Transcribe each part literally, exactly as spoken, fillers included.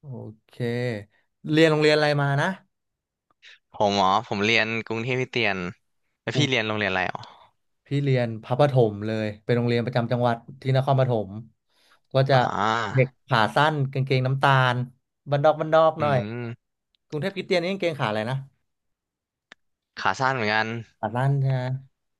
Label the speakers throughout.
Speaker 1: โอเคเรียนโรงเรียนอะไรมานะ
Speaker 2: ผมอ๋อผมเรียนกรุงเทพคริสเตียนแล้ว
Speaker 1: กรุง
Speaker 2: พี่เรียนโรงเรียนอะไรอ๋อ
Speaker 1: พี่เรียนพระประถมเลยเป็นโรงเรียนประจำจังหวัดที่นครปฐมก็จะ
Speaker 2: อ่
Speaker 1: เด็ก
Speaker 2: า
Speaker 1: ขาสั้นกางเกงน้ำตาลบันดอกบันดอกห
Speaker 2: อื
Speaker 1: น่อย
Speaker 2: ม
Speaker 1: กรุงเทพคริสเตียนนี่กางเกงขาอะไรนะ
Speaker 2: ขาสั้นเหมือนกัน
Speaker 1: ขาสั้นใช่ไหม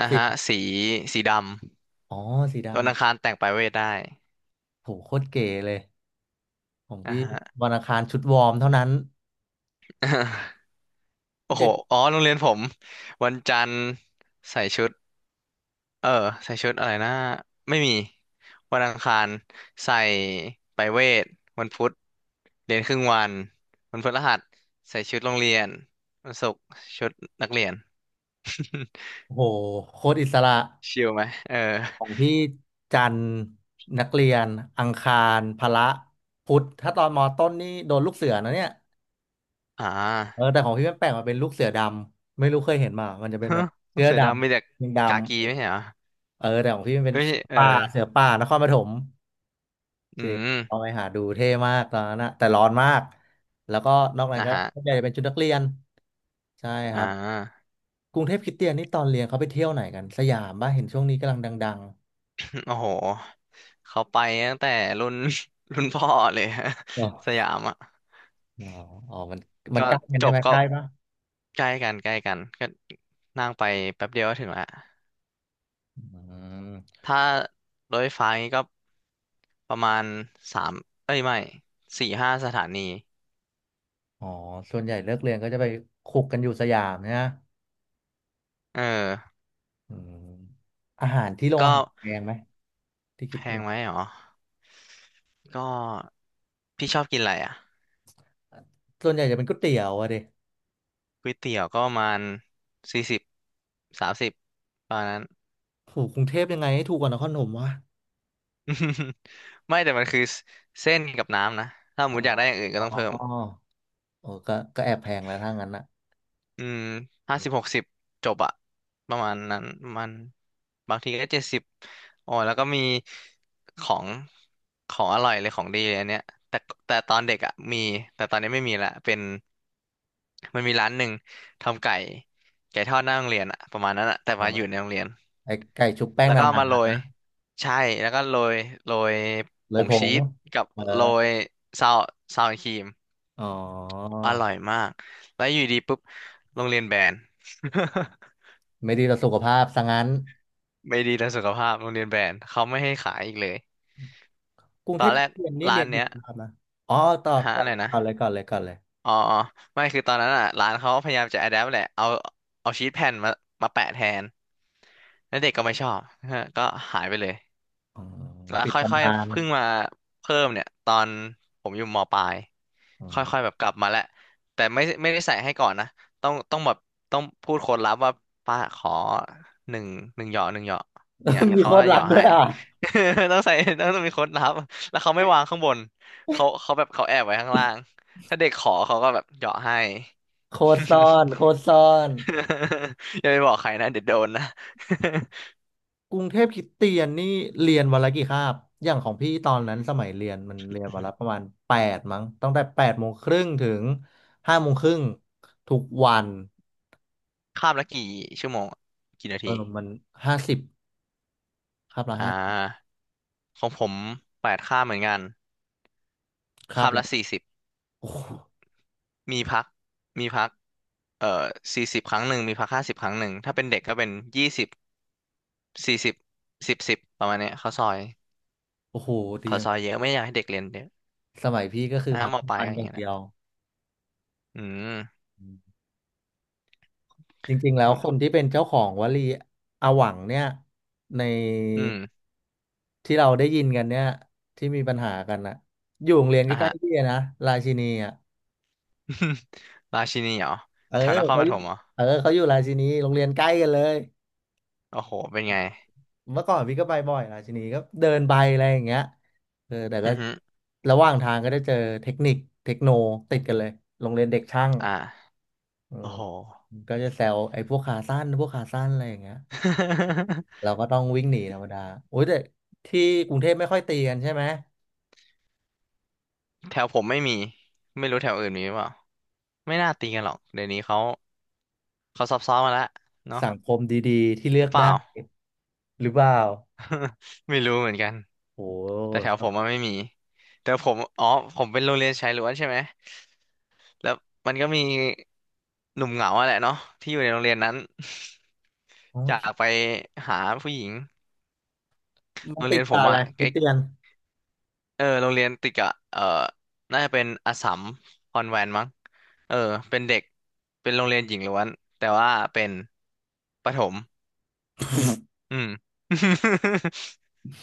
Speaker 2: นะ
Speaker 1: สี
Speaker 2: ฮะสีสีดำ
Speaker 1: อ๋อสี
Speaker 2: วั
Speaker 1: ดำ
Speaker 2: นอังคารแต่งปลายเวทได้
Speaker 1: โหโคตรเก๋เลยของ
Speaker 2: นะ
Speaker 1: พี่
Speaker 2: ฮะ
Speaker 1: วันอังคารชุดวอร์มเท่านั้น
Speaker 2: โอ้โห
Speaker 1: เด็ก
Speaker 2: อ๋อโรงเรียนผมวันจันทร์ใส่ชุดเออใส่ชุดอะไรนะไม่มีวันอังคารใส่ไปลายเวทวันพุธเรียนครึ่งวันวันพฤหัสใส่ชุดโรงเรียนวันศุกร์ชุดนักเรียน
Speaker 1: โหโคตรอิสระ
Speaker 2: ชิลไหมเออ
Speaker 1: ของพี่จันทร์นักเรียนอังคารพละพุธถ้าตอนมต้นนี่โดนลูกเสือนะเนี่ย
Speaker 2: อ่
Speaker 1: เออ
Speaker 2: า
Speaker 1: แต่ของพี่มันแปลกมาเป็นลูกเสือดำไม่รู้เคยเห็นมามันจะเป็ น
Speaker 2: ฮะ
Speaker 1: แบบเสื้อ
Speaker 2: เสือ
Speaker 1: ด
Speaker 2: ดำมีแต่
Speaker 1: ำยิง
Speaker 2: กา
Speaker 1: ดำ
Speaker 2: กี
Speaker 1: เออ
Speaker 2: ไม่ใช่เหรอ
Speaker 1: เออแต่ของพี่มันเป็น
Speaker 2: ไม่ใช่
Speaker 1: เสือ
Speaker 2: เออ
Speaker 1: ป่าเสือป่านครปฐม
Speaker 2: อื
Speaker 1: จริง
Speaker 2: ม
Speaker 1: เอาไปหาดูเท่มากตอนนั้นนะแต่ร้อนมากแล้วก็นอกนั้น
Speaker 2: อ่ะ
Speaker 1: ก็
Speaker 2: ฮะ
Speaker 1: ส่วนใหญ่จะเป็นชุดนักเรียนใช่ค
Speaker 2: อ่
Speaker 1: รับ
Speaker 2: า
Speaker 1: กรุงเทพคริสเตียนนี่ตอนเรียนเขาไปเที่ยวไหนกันสยามป่ะเห็นช่วงนี้กำลังดัง
Speaker 2: โอ้โหเขาไปตั้งแต่รุ่น รุ่นพ่อเลย ฮะ
Speaker 1: ๆ
Speaker 2: สยามอ่ะ
Speaker 1: อ๋อ อ๋อ มันมัน
Speaker 2: ก็
Speaker 1: ใกล้กัน
Speaker 2: จ
Speaker 1: ใช่
Speaker 2: บ
Speaker 1: ไหม
Speaker 2: ก็
Speaker 1: ใกล้ปะ
Speaker 2: ใกล้กันใกล้กันก็นั่งไปแป๊บเดียวก็ถึงละ
Speaker 1: อืม
Speaker 2: ถ้ารถไฟฟ้านี่ก็ประมาณสามเอ้ยไม่สี่ห้าสถานี
Speaker 1: อ๋อส่วนใหญ่เลิกเรียนก็จะไปคุกกันอยู่สยามเนี่ย
Speaker 2: เออ
Speaker 1: อืมอาหารที่โรงอา
Speaker 2: ก็
Speaker 1: หารแพงไหมที่คิ
Speaker 2: แพ
Speaker 1: ด
Speaker 2: ง
Speaker 1: เนี่ย
Speaker 2: ไหมหรอก็พี่ชอบกินอะไรอ่ะ
Speaker 1: ส่วนใหญ่จะเป็นก๋วยเตี๋ยวอะเด็ก
Speaker 2: ก๋วยเตี๋ยวก็ประมาณสี่สิบสามสิบประมาณนั้น
Speaker 1: ถูกกรุงเทพยังไงให้ถูกกว่านครปฐมวะ
Speaker 2: ไม่แต่มันคือเส้นกับน้ำนะถ้าสม
Speaker 1: อ๋อ
Speaker 2: มติอยากได้อย่างอื่นก็
Speaker 1: อ๋อ
Speaker 2: ต้องเพิ่ม
Speaker 1: โอ้ก็ก็แอบแพงแล้วถ้างั้นนะ
Speaker 2: อืมห้า
Speaker 1: อ
Speaker 2: สิ
Speaker 1: ม
Speaker 2: บหกสิบจบอะประมาณนั้นประมันบางทีก็เจ็ดสิบโอ้ยแล้วก็มีของของอร่อยเลยของดีเลยอันเนี้ยแต่แต่ตอนเด็กอะมีแต่ตอนนี้ไม่มีละเป็นมันมีร้านหนึ่งทำไก่ไก่ทอดหน้าโรงเรียนอะประมาณนั้นอะแต่
Speaker 1: อ๋อ
Speaker 2: ว่าอยู่ในโรงเรียน
Speaker 1: ไอ้ไก่ชุบแป้ง
Speaker 2: แล้ว
Speaker 1: นา
Speaker 2: ก็เอามาโร
Speaker 1: น
Speaker 2: ยใช่แล้วก็โรยโรย
Speaker 1: ๆ
Speaker 2: ผ
Speaker 1: เลย
Speaker 2: ง
Speaker 1: ผ
Speaker 2: ชี
Speaker 1: ง
Speaker 2: สกับ
Speaker 1: เออ
Speaker 2: โรยซาวซาวครีม
Speaker 1: อ๋อ
Speaker 2: อร่อยมากแล้วอยู่ดีปุ๊บโรงเรียนแบน
Speaker 1: ไม่ดีต่อสุขภาพซะงั้น
Speaker 2: ไม่ดีต่อสุขภาพโรงเรียนแบนเขาไม่ให้ขายอีกเลย
Speaker 1: กรุง
Speaker 2: ต
Speaker 1: เท
Speaker 2: อ
Speaker 1: พ
Speaker 2: นแรก
Speaker 1: เรียนนี่
Speaker 2: ร้า
Speaker 1: เรีย
Speaker 2: น
Speaker 1: น
Speaker 2: เนี้
Speaker 1: กี่
Speaker 2: ย
Speaker 1: คาบนะอ๋อต่อ
Speaker 2: ฮะ
Speaker 1: ก่อ
Speaker 2: อะ
Speaker 1: น
Speaker 2: ไรนะ
Speaker 1: ก่อนเลยก่อนเลยก่อนเลย
Speaker 2: อ๋ออ๋อไม่คือตอนนั้นอ่ะร้านเขาพยายามจะ adapt แหละเอาเอาชีทแผ่นมามาแปะแทนแล้วเด็กก็ไม่ชอบฮะก็หายไปเลย
Speaker 1: อ๋อ
Speaker 2: แล้ว
Speaker 1: ปิด
Speaker 2: ค่อ
Speaker 1: ตำ
Speaker 2: ย
Speaker 1: นาน
Speaker 2: ๆเพิ่งมาเพิ่มเนี่ยตอนผมอยู่มปลาย
Speaker 1: อ๋อ
Speaker 2: ค่อยๆแบบกลับมาแล้วแต่ไม่ไม่ได้ใส่ให้ก่อนนะต้องต้องแบบต้องพูดโค้ดลับว่าป้าขอหนึ่งหนึ่งเหยาะหนึ่งเหยาะเนี่ย
Speaker 1: มี
Speaker 2: เขา
Speaker 1: โค้
Speaker 2: ก็
Speaker 1: ด
Speaker 2: เห
Speaker 1: ลับ
Speaker 2: ยาะ
Speaker 1: ด้ว
Speaker 2: ให้
Speaker 1: ยอ่ะ
Speaker 2: ต้องใส่ต้องต้องมีโค้ดลับแล้วเขาไม่วางข้างบนเขาเขาแบบเขาแอบไว้ข้างล่างถ้าเด็กขอเขาก็แบบเหยาะให้
Speaker 1: โค้ดซ่อน โค้ดซ่อน
Speaker 2: อย่าไปบอกใครนะเดี๋ยวโดนนะ
Speaker 1: กรุงเทพคริสเตียนนี่เรียนวันละกี่คาบอย่างของพี่ตอนนั้นสมัยเรียนมันเรียนวันละประมา ณแปดมั้งตั้งแต่แปดโมงครึ่งถึงห้าโมงครึ่งทุกวัน
Speaker 2: ข้ามละกี่ชั่วโมงกี่นา
Speaker 1: เออ
Speaker 2: ที
Speaker 1: มันห้าสิบคาบละ
Speaker 2: อ่า
Speaker 1: ห้า
Speaker 2: ของผมแปดข้ามเหมือนกัน
Speaker 1: คาบ
Speaker 2: ข้าม
Speaker 1: ละ
Speaker 2: ละสี่สิบ
Speaker 1: โอ้โห
Speaker 2: มีพักมีพักเอ่อสี่สิบครั้งหนึ่งมีพักห้าสิบครั้งหนึ่งถ้าเป็นเด็กก็เป็นยี่สิบสี่สิบสิบสิบประมาณเนี้ยเขาวซอย
Speaker 1: โอ้โหดี
Speaker 2: เขา
Speaker 1: อ
Speaker 2: ว
Speaker 1: ย่าง
Speaker 2: ซอยเยอะไม่อยากให้เด็กเรียนเยอะ
Speaker 1: สมัยพี่ก็คือ
Speaker 2: นะฮะ
Speaker 1: พัก
Speaker 2: ม
Speaker 1: ก
Speaker 2: อ
Speaker 1: ลาง
Speaker 2: ปลาย
Speaker 1: วัน
Speaker 2: ก็อ
Speaker 1: อ
Speaker 2: ย่าง
Speaker 1: ย่าง
Speaker 2: เงี้ยแห
Speaker 1: เดี
Speaker 2: ละ
Speaker 1: ยว
Speaker 2: อืม
Speaker 1: จริงๆ แล้
Speaker 2: ค
Speaker 1: ว
Speaker 2: รั
Speaker 1: คน
Speaker 2: บ
Speaker 1: ที่เป็นเจ้าของวลีอาหวังเนี่ยใน
Speaker 2: อืม
Speaker 1: ที่เราได้ยินกันเนี่ยที่มีปัญหากันนะอยู่โรงเรียนใก
Speaker 2: อ่ะ
Speaker 1: ล้
Speaker 2: ฮะ
Speaker 1: ๆพี่นะราชินีอ่ะ
Speaker 2: ราชินีเหรอ
Speaker 1: เออ
Speaker 2: แถวนคร
Speaker 1: เขา
Speaker 2: ป
Speaker 1: อ
Speaker 2: ฐ
Speaker 1: ยู่
Speaker 2: มเหรอ
Speaker 1: เออเขาอยู่ราชินีโรงเรียนใกล้กันเลย
Speaker 2: โอ้โหเป็นไง
Speaker 1: เมื่อก่อนพี่ก็ไปบ่อยราชินีก็เดินไปอะไรอย่างเงี้ยเออแต่
Speaker 2: อื
Speaker 1: ก็
Speaker 2: อฮึ
Speaker 1: ระหว่างทางก็ได้เจอเทคนิคเทคโนติดกันเลยโรงเรียนเด็กช่าง
Speaker 2: อ่า
Speaker 1: เออ
Speaker 2: โอ้โห
Speaker 1: ก็จะแซวไอ้พวกขาสั้นพวกขาสั้นอะไรอย่างเงี้ย เรา ก็ต้องวิ่งหนีธรรมดาโอ้ยแต่ที่กรุงเทพไม่ค่อยตีกันใช่ไหม
Speaker 2: แถวผมไม่มีไม่รู้แถวอื่นมีหรือเปล่าไม่น่าตีกันหรอกเดี๋ยวนี้เขาเขาซอฟต์ๆมาแล้วเนาะ
Speaker 1: สังคมดีๆที่เลื
Speaker 2: ห
Speaker 1: อ
Speaker 2: รื
Speaker 1: ก
Speaker 2: อเปล่า
Speaker 1: ได้หรือเปล่า
Speaker 2: ไม่รู้เหมือนกัน
Speaker 1: โอ้โ
Speaker 2: แต่แถวผ
Speaker 1: ห
Speaker 2: มมันไม่มีแต่ผมอ๋อผมเป็นโรงเรียนชายล้วนใช่ไหมแล้วมันก็มีหนุ่มเหงาอะแหละเนาะที่อยู่ในโรงเรียนนั้น
Speaker 1: โอ้
Speaker 2: อ
Speaker 1: ย
Speaker 2: ยากไปหาผู้หญิง
Speaker 1: มั
Speaker 2: โร
Speaker 1: น
Speaker 2: งเรี
Speaker 1: ติ
Speaker 2: ย
Speaker 1: ด
Speaker 2: นผ
Speaker 1: ตา
Speaker 2: ม
Speaker 1: อะไร
Speaker 2: อะใก
Speaker 1: คิ
Speaker 2: ล้
Speaker 1: ดเตือน
Speaker 2: เออโรงเรียนติดกับเออน่าจะเป็นอัสสัมคอนแวนต์มั้งเออเป็นเด็กเป็นโรงเรียนหญิงล้วนแต่ว่าเป็นประถมอืม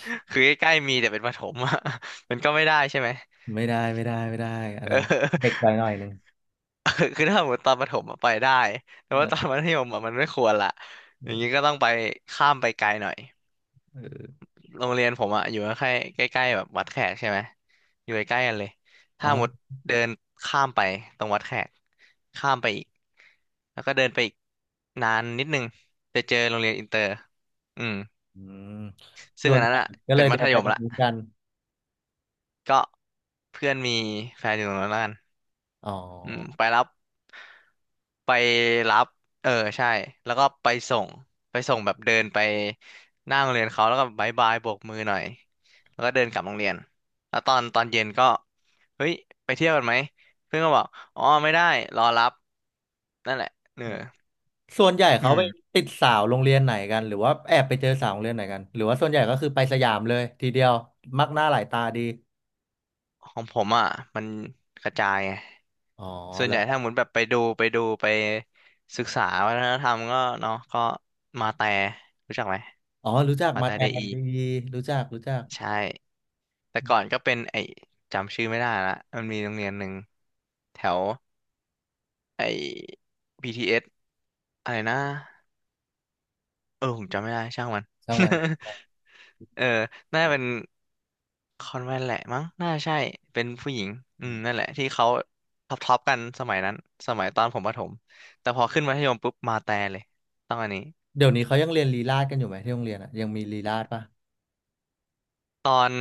Speaker 2: คือใกล้ๆมีแต่เป็นประถมอะ มันก็ไม่ได้ใช่ไหม
Speaker 1: ไม่ได้ไม่ได้ไม่ได้อัน
Speaker 2: เอ
Speaker 1: นั้นเด็กไป
Speaker 2: อ
Speaker 1: หน่อยหนึ่ง
Speaker 2: คือถ้าสมมติตอนประถมอะไปได้แต่ว่า
Speaker 1: เออ
Speaker 2: ตอนมัธยมอะมันไม่ควรละอย่างนี้ก็ต้องไปข้ามไปไกลหน่อย
Speaker 1: เออ
Speaker 2: โรงเรียนผมอะอยู่ใกล้ใกล้ๆแบบวัดแขกใช่ไหมอยู่ใกล้ๆกันเลย
Speaker 1: อ๋
Speaker 2: ถ้าหมด
Speaker 1: อ
Speaker 2: เดินข้ามไปตรงวัดแขกข้ามไปอีกแล้วก็เดินไปอีกนานนิดนึงจะเจอโรงเรียนอินเตอร์อืม
Speaker 1: อืม
Speaker 2: ซึ่ง
Speaker 1: ส่ว
Speaker 2: อั
Speaker 1: น
Speaker 2: น
Speaker 1: ให
Speaker 2: นั้น
Speaker 1: ญ่
Speaker 2: อะ
Speaker 1: ก็เล
Speaker 2: เป็น
Speaker 1: ย
Speaker 2: มั
Speaker 1: เดิ
Speaker 2: ธ
Speaker 1: นไป
Speaker 2: ยม
Speaker 1: ตรง
Speaker 2: ละ
Speaker 1: นู้นกัน
Speaker 2: ก็เพื่อนมีแฟนอยู่ตรงนั้นแล้วกัน
Speaker 1: อ๋อ
Speaker 2: อืมไปรับไปรับเออใช่แล้วก็ไปส่งไปส่งแบบเดินไปหน้าโรงเรียนเขาแล้วก็บายบายโบกมือหน่อยแล้วก็เดินกลับโรงเรียนแล้วตอนตอนเย็นก็เฮ้ยไปเที่ยวกันไหมเพื่อนก็บอกอ๋อไม่ได้รอรับนั่นแหละเออ
Speaker 1: ส่วนใหญ่
Speaker 2: อื
Speaker 1: เขา
Speaker 2: ม
Speaker 1: ไปติดสาวโรงเรียนไหนกันหรือว่าแอบไปเจอสาวโรงเรียนไหนกันหรือว่าส่วนใหญ่ก็คือไปสยามเลยทีเดียวมักหน้าหลายตาดี
Speaker 2: ของผมอ่ะมันกระจายไง
Speaker 1: อ๋
Speaker 2: ส่วนใหญ่
Speaker 1: อ
Speaker 2: ถ้าหมุนแบบไปดูไปดูไปศึกษาวัฒนธรรมก็เนาะก็มาแต่รู้จักไหม
Speaker 1: อ๋อรู้จัก
Speaker 2: มา
Speaker 1: มา
Speaker 2: แต่
Speaker 1: แท
Speaker 2: ได
Speaker 1: น
Speaker 2: อี
Speaker 1: ดีรู้จัก รู้จัก
Speaker 2: ใช่ แต่
Speaker 1: อื
Speaker 2: ก่อน
Speaker 1: ม
Speaker 2: ก็เป็นไอ้จำชื่อไม่ได้ละมันมีโรงเรียนหนึ่งแถวไอ้ บี ที เอส อสอะไรนะเออผมจำไม่ได้ ช่างมัน
Speaker 1: ช่างมัน
Speaker 2: เออน่าจะเป็นคอนแวนต์แหละมั้ง น่าใช่ เป็นผู้หญิง อื
Speaker 1: อื
Speaker 2: ม
Speaker 1: ม
Speaker 2: นั่นแหละที่เขาท็อปท็อปกันสมัยนั้น สมัยตอนผมประถมแต่พอขึ้นมัธยมปุ๊บมาแต่เลยต้องอันนี้
Speaker 1: เดี๋ยวนี้เขายังเรียนลีลาศกันอยู่ไหมที่โรงเรียนอ่ะยังมีลีลาศป่ะ
Speaker 2: ตอน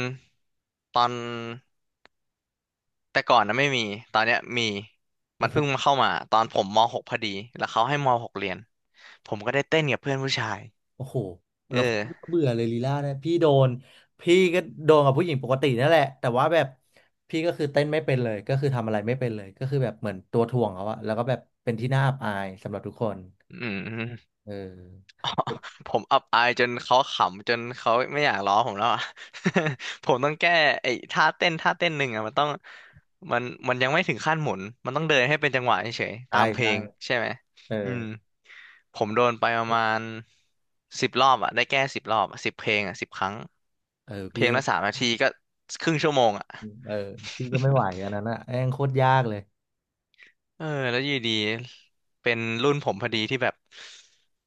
Speaker 2: ตอน แต่ก่อนนะไม่มี ตอนเนี้ยมี มั
Speaker 1: โอ้
Speaker 2: น
Speaker 1: โห
Speaker 2: เพิ่งมาเข้ามาตอนผมม .หก พอดีแล้วเขาให้ม .หก เรียน ผมก็ได้เต้นกับเพื่อนผู้ชาย
Speaker 1: โอ้โห
Speaker 2: เอ
Speaker 1: เราโค
Speaker 2: อ
Speaker 1: ตรเบื่อเลยลีลาศนะ พี่โดน พี่ก็โดนกับผู้หญิงปกตินั่นแหละ แต่ว่าแบบพี่ก็คือเต้นไม่เป็นเลย ก็คือทำอะไรไม่เป็นเลย ก็คือแบบเหมือนตัวถ่วงเขาอะแล้วก็แบบเป็นที่น่าอับอายสำหรับทุกคน
Speaker 2: อืม
Speaker 1: เออ
Speaker 2: ผมอับอายจนเขาขำจนเขาไม่อยากล้อผมแล้วอ่ะ ผมต้องแก้ไอ้ท่าเต้นท่าเต้นหนึ่งอ่ะมันต้องมันมันยังไม่ถึงขั้นหมุนมันต้องเดินให้เป็นจังหวะเฉยๆ
Speaker 1: ใช่
Speaker 2: ตามเพล
Speaker 1: ใช่
Speaker 2: งใช่ไหม
Speaker 1: เออ
Speaker 2: อืมผมโดนไปประมาณสิบรอบอ่ะได้แก้สิบรอบสิบเพลงอ่ะสิบครั้ง
Speaker 1: เออ
Speaker 2: เพ
Speaker 1: พี่
Speaker 2: ลง
Speaker 1: ก็
Speaker 2: ละสามนาทีก็ครึ่งชั่วโมงอ่ะ
Speaker 1: เออพี่ก็ไม่ไหว อันนั้นอะแม่งโคตรยากเลย
Speaker 2: เออแล้วอยู่ดีเป็นรุ่นผมพอดีที่แบบ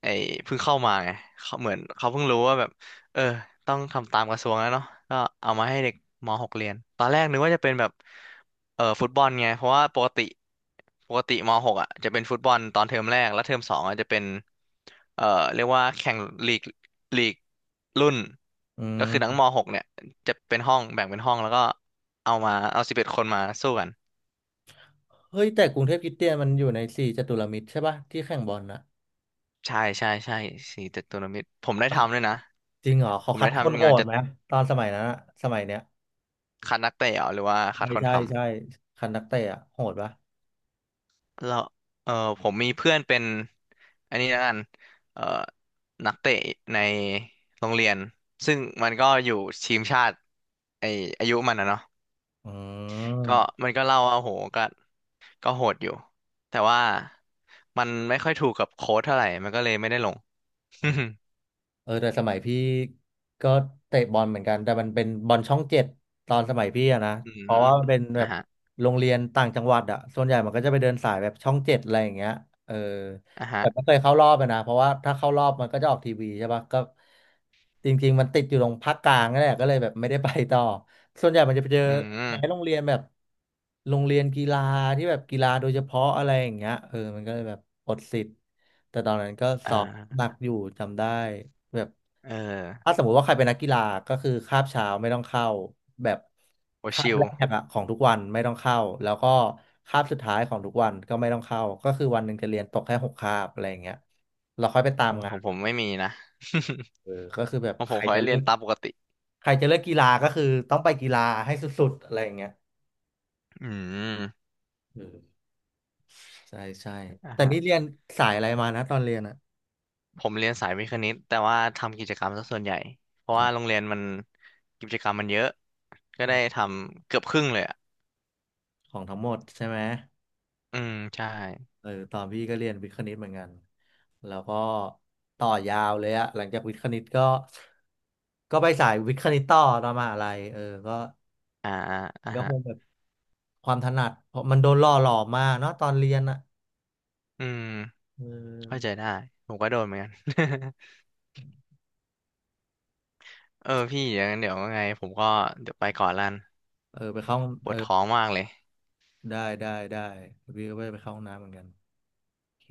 Speaker 2: ไอ้เพิ่งเข้ามาไงเขาเหมือนเขาเพิ่งรู้ว่าแบบเออต้องทำตามกระทรวงแล้วเนาะก็เอามาให้เด็กม .หก เรียนตอนแรกนึกว่าจะเป็นแบบเออฟุตบอลไงเพราะว่าปกติปกติม .หก อ่ะจะเป็นฟุตบอลตอนเทอมแรกแล้วเทอมสองอ่ะจะเป็นเออเรียกว่าแข่งลีกลีกรุ่น
Speaker 1: อื
Speaker 2: ก็คือทั้งม
Speaker 1: ม
Speaker 2: .หก เนี่ยจะเป็นห้องแบ่งเป็นห้องแล้วก็เอามาเอาสิบเอ็ดคนมาสู้กัน
Speaker 1: เฮ้ยแต่กรุงเทพคริสเตียนมันอยู่ในสี่จัตุรมิตรใช่ปะที่แข่งบอลนะ
Speaker 2: ใช่ใช่ใช่สี่เจ็ดทัวรนมิตรผมได้ทำด้วยนะ
Speaker 1: จริงเหรอ
Speaker 2: ผ
Speaker 1: เขา
Speaker 2: ม
Speaker 1: คั
Speaker 2: ได้
Speaker 1: ดคนโห
Speaker 2: ทำงาน
Speaker 1: ด
Speaker 2: จะ
Speaker 1: ไหมตอนสมัยนั้นอะสมัยเนี้ย
Speaker 2: คัดนักเตะเหรอหรือว่าคั
Speaker 1: ใช่
Speaker 2: ดคน
Speaker 1: ใช่
Speaker 2: ท
Speaker 1: ใช่คัดนักเตะอะโหดปะ
Speaker 2: ำแล้วเออผมมีเพื่อนเป็นอันนี้แล้วกันเออนักเตะในโรงเรียนซึ่งมันก็อยู่ทีมชาติไออายุมันนะเนาะ
Speaker 1: อื
Speaker 2: ก็
Speaker 1: ม
Speaker 2: มันก็เล่าว่าโหก็ก็โหดอยู่แต่ว่ามันไม่ค่อยถูกกับโค้ชเท่าไหร่มันก็เลยไม่ได้ลง
Speaker 1: อ๋อเออแต่สมัยพี่ก็เตะบอลเหมือนกันแต่มันเป็นบอลช่องเจ็ดตอนสมัยพี่อะนะ
Speaker 2: อื
Speaker 1: เพราะ
Speaker 2: ม
Speaker 1: ว่ามันเป็นแบ
Speaker 2: อ่ะ
Speaker 1: บ
Speaker 2: ฮะ
Speaker 1: โรงเรียนต่างจังหวัดอะส่วนใหญ่มันก็จะไปเดินสายแบบช่องเจ็ดอะไรอย่างเงี้ยเออ
Speaker 2: อ่ะฮะ
Speaker 1: แต่ไม่เคยเข้ารอบเลยนะเพราะว่าถ้าเข้ารอบมันก็จะออกทีวีใช่ปะก็จริงๆมันติดอยู่ตรงภาคกลางนั่นแหละก็เลยแบบไม่ได้ไปต่อส่วนใหญ่มันจะไปเจอ
Speaker 2: อื
Speaker 1: ในโร
Speaker 2: ม
Speaker 1: งเรียนแบบโรงเรียนกีฬาที่แบบกีฬาโดยเฉพาะอะไรอย่างเงี้ยเออมันก็เลยแบบอดสิทธิ์แต่ตอนนั้นก็ส
Speaker 2: อ่
Speaker 1: อบห
Speaker 2: า
Speaker 1: นักอยู่จำได้แบบ
Speaker 2: เอ
Speaker 1: ถ้า
Speaker 2: อ
Speaker 1: สมมุติว่าใครเป็นนักกีฬาก็คือคาบเช้าไม่ต้องเข้าแบบ
Speaker 2: โอ
Speaker 1: คาบ
Speaker 2: ชิล
Speaker 1: แรกอะของทุกวันไม่ต้องเข้าแล้วก็คาบสุดท้ายของทุกวันก็ไม่ต้องเข้าก็คือวันหนึ่งจะเรียนตกแค่หกคาบอะไรอย่างเงี้ยเราค่อยไปตาม
Speaker 2: โอ้
Speaker 1: งา
Speaker 2: ของ
Speaker 1: น
Speaker 2: ผมไม่มีนะ
Speaker 1: เออก็คือแบบ
Speaker 2: ของผ
Speaker 1: ใค
Speaker 2: ม
Speaker 1: ร
Speaker 2: ขอ
Speaker 1: จะ
Speaker 2: ให้
Speaker 1: เลื
Speaker 2: เรีย
Speaker 1: อ
Speaker 2: น
Speaker 1: ก
Speaker 2: ตามปกติ
Speaker 1: ใครจะเลือกกีฬาก็คือต้องไปกีฬาให้สุดๆอะไรอย่างเงี้ย
Speaker 2: อืม
Speaker 1: เออใช่ใช่
Speaker 2: อ่า
Speaker 1: แต่
Speaker 2: ฮะ
Speaker 1: นี่เรียนสายอะไรมานะตอนเรียนอะ
Speaker 2: ผมเรียนสายวิทย์คณิตแต่ว่าทำกิจกรรมซะส่วนใหญ่ เพราะ
Speaker 1: อ๋
Speaker 2: ว่าโร
Speaker 1: อ
Speaker 2: งเรียนมันกิจกรรมมันเยอะ ก็ได้ทำเกือบครึ่งเลยอ่ะ
Speaker 1: ของทั้งหมดใช่ไหม
Speaker 2: อืมใช่
Speaker 1: เออตอนพี่ก็เรียนวิทย์คณิตเหมือนกันแล้วก็ต่อยาวเลยอะหลังจากวิทย์คณิตก็ก็ไปสายวิทย์คณิตต่อตอนมหาลัยเออก็
Speaker 2: อ่าอ่าอ่า
Speaker 1: ก็
Speaker 2: ฮะ
Speaker 1: คงแบบความถนัดเพราะมันโดนหล่อหลอมมากเนาะตอนเรียนอะ
Speaker 2: อืม
Speaker 1: เ
Speaker 2: เข้าใจ
Speaker 1: ออ
Speaker 2: ได้ ผมก็โดนเหมือนกัน เออพี่อย่างนั้นเดี๋ยวว่าไง ผมก็เดี๋ยวไปก่อนละกัน
Speaker 1: เออไปเข้า
Speaker 2: ป
Speaker 1: เอ
Speaker 2: ว
Speaker 1: อ
Speaker 2: ดท้องมากเลย
Speaker 1: ได้ได้ได้พี่ก็ไปไปเข้าห้องน้ำเหมือนกันโอเค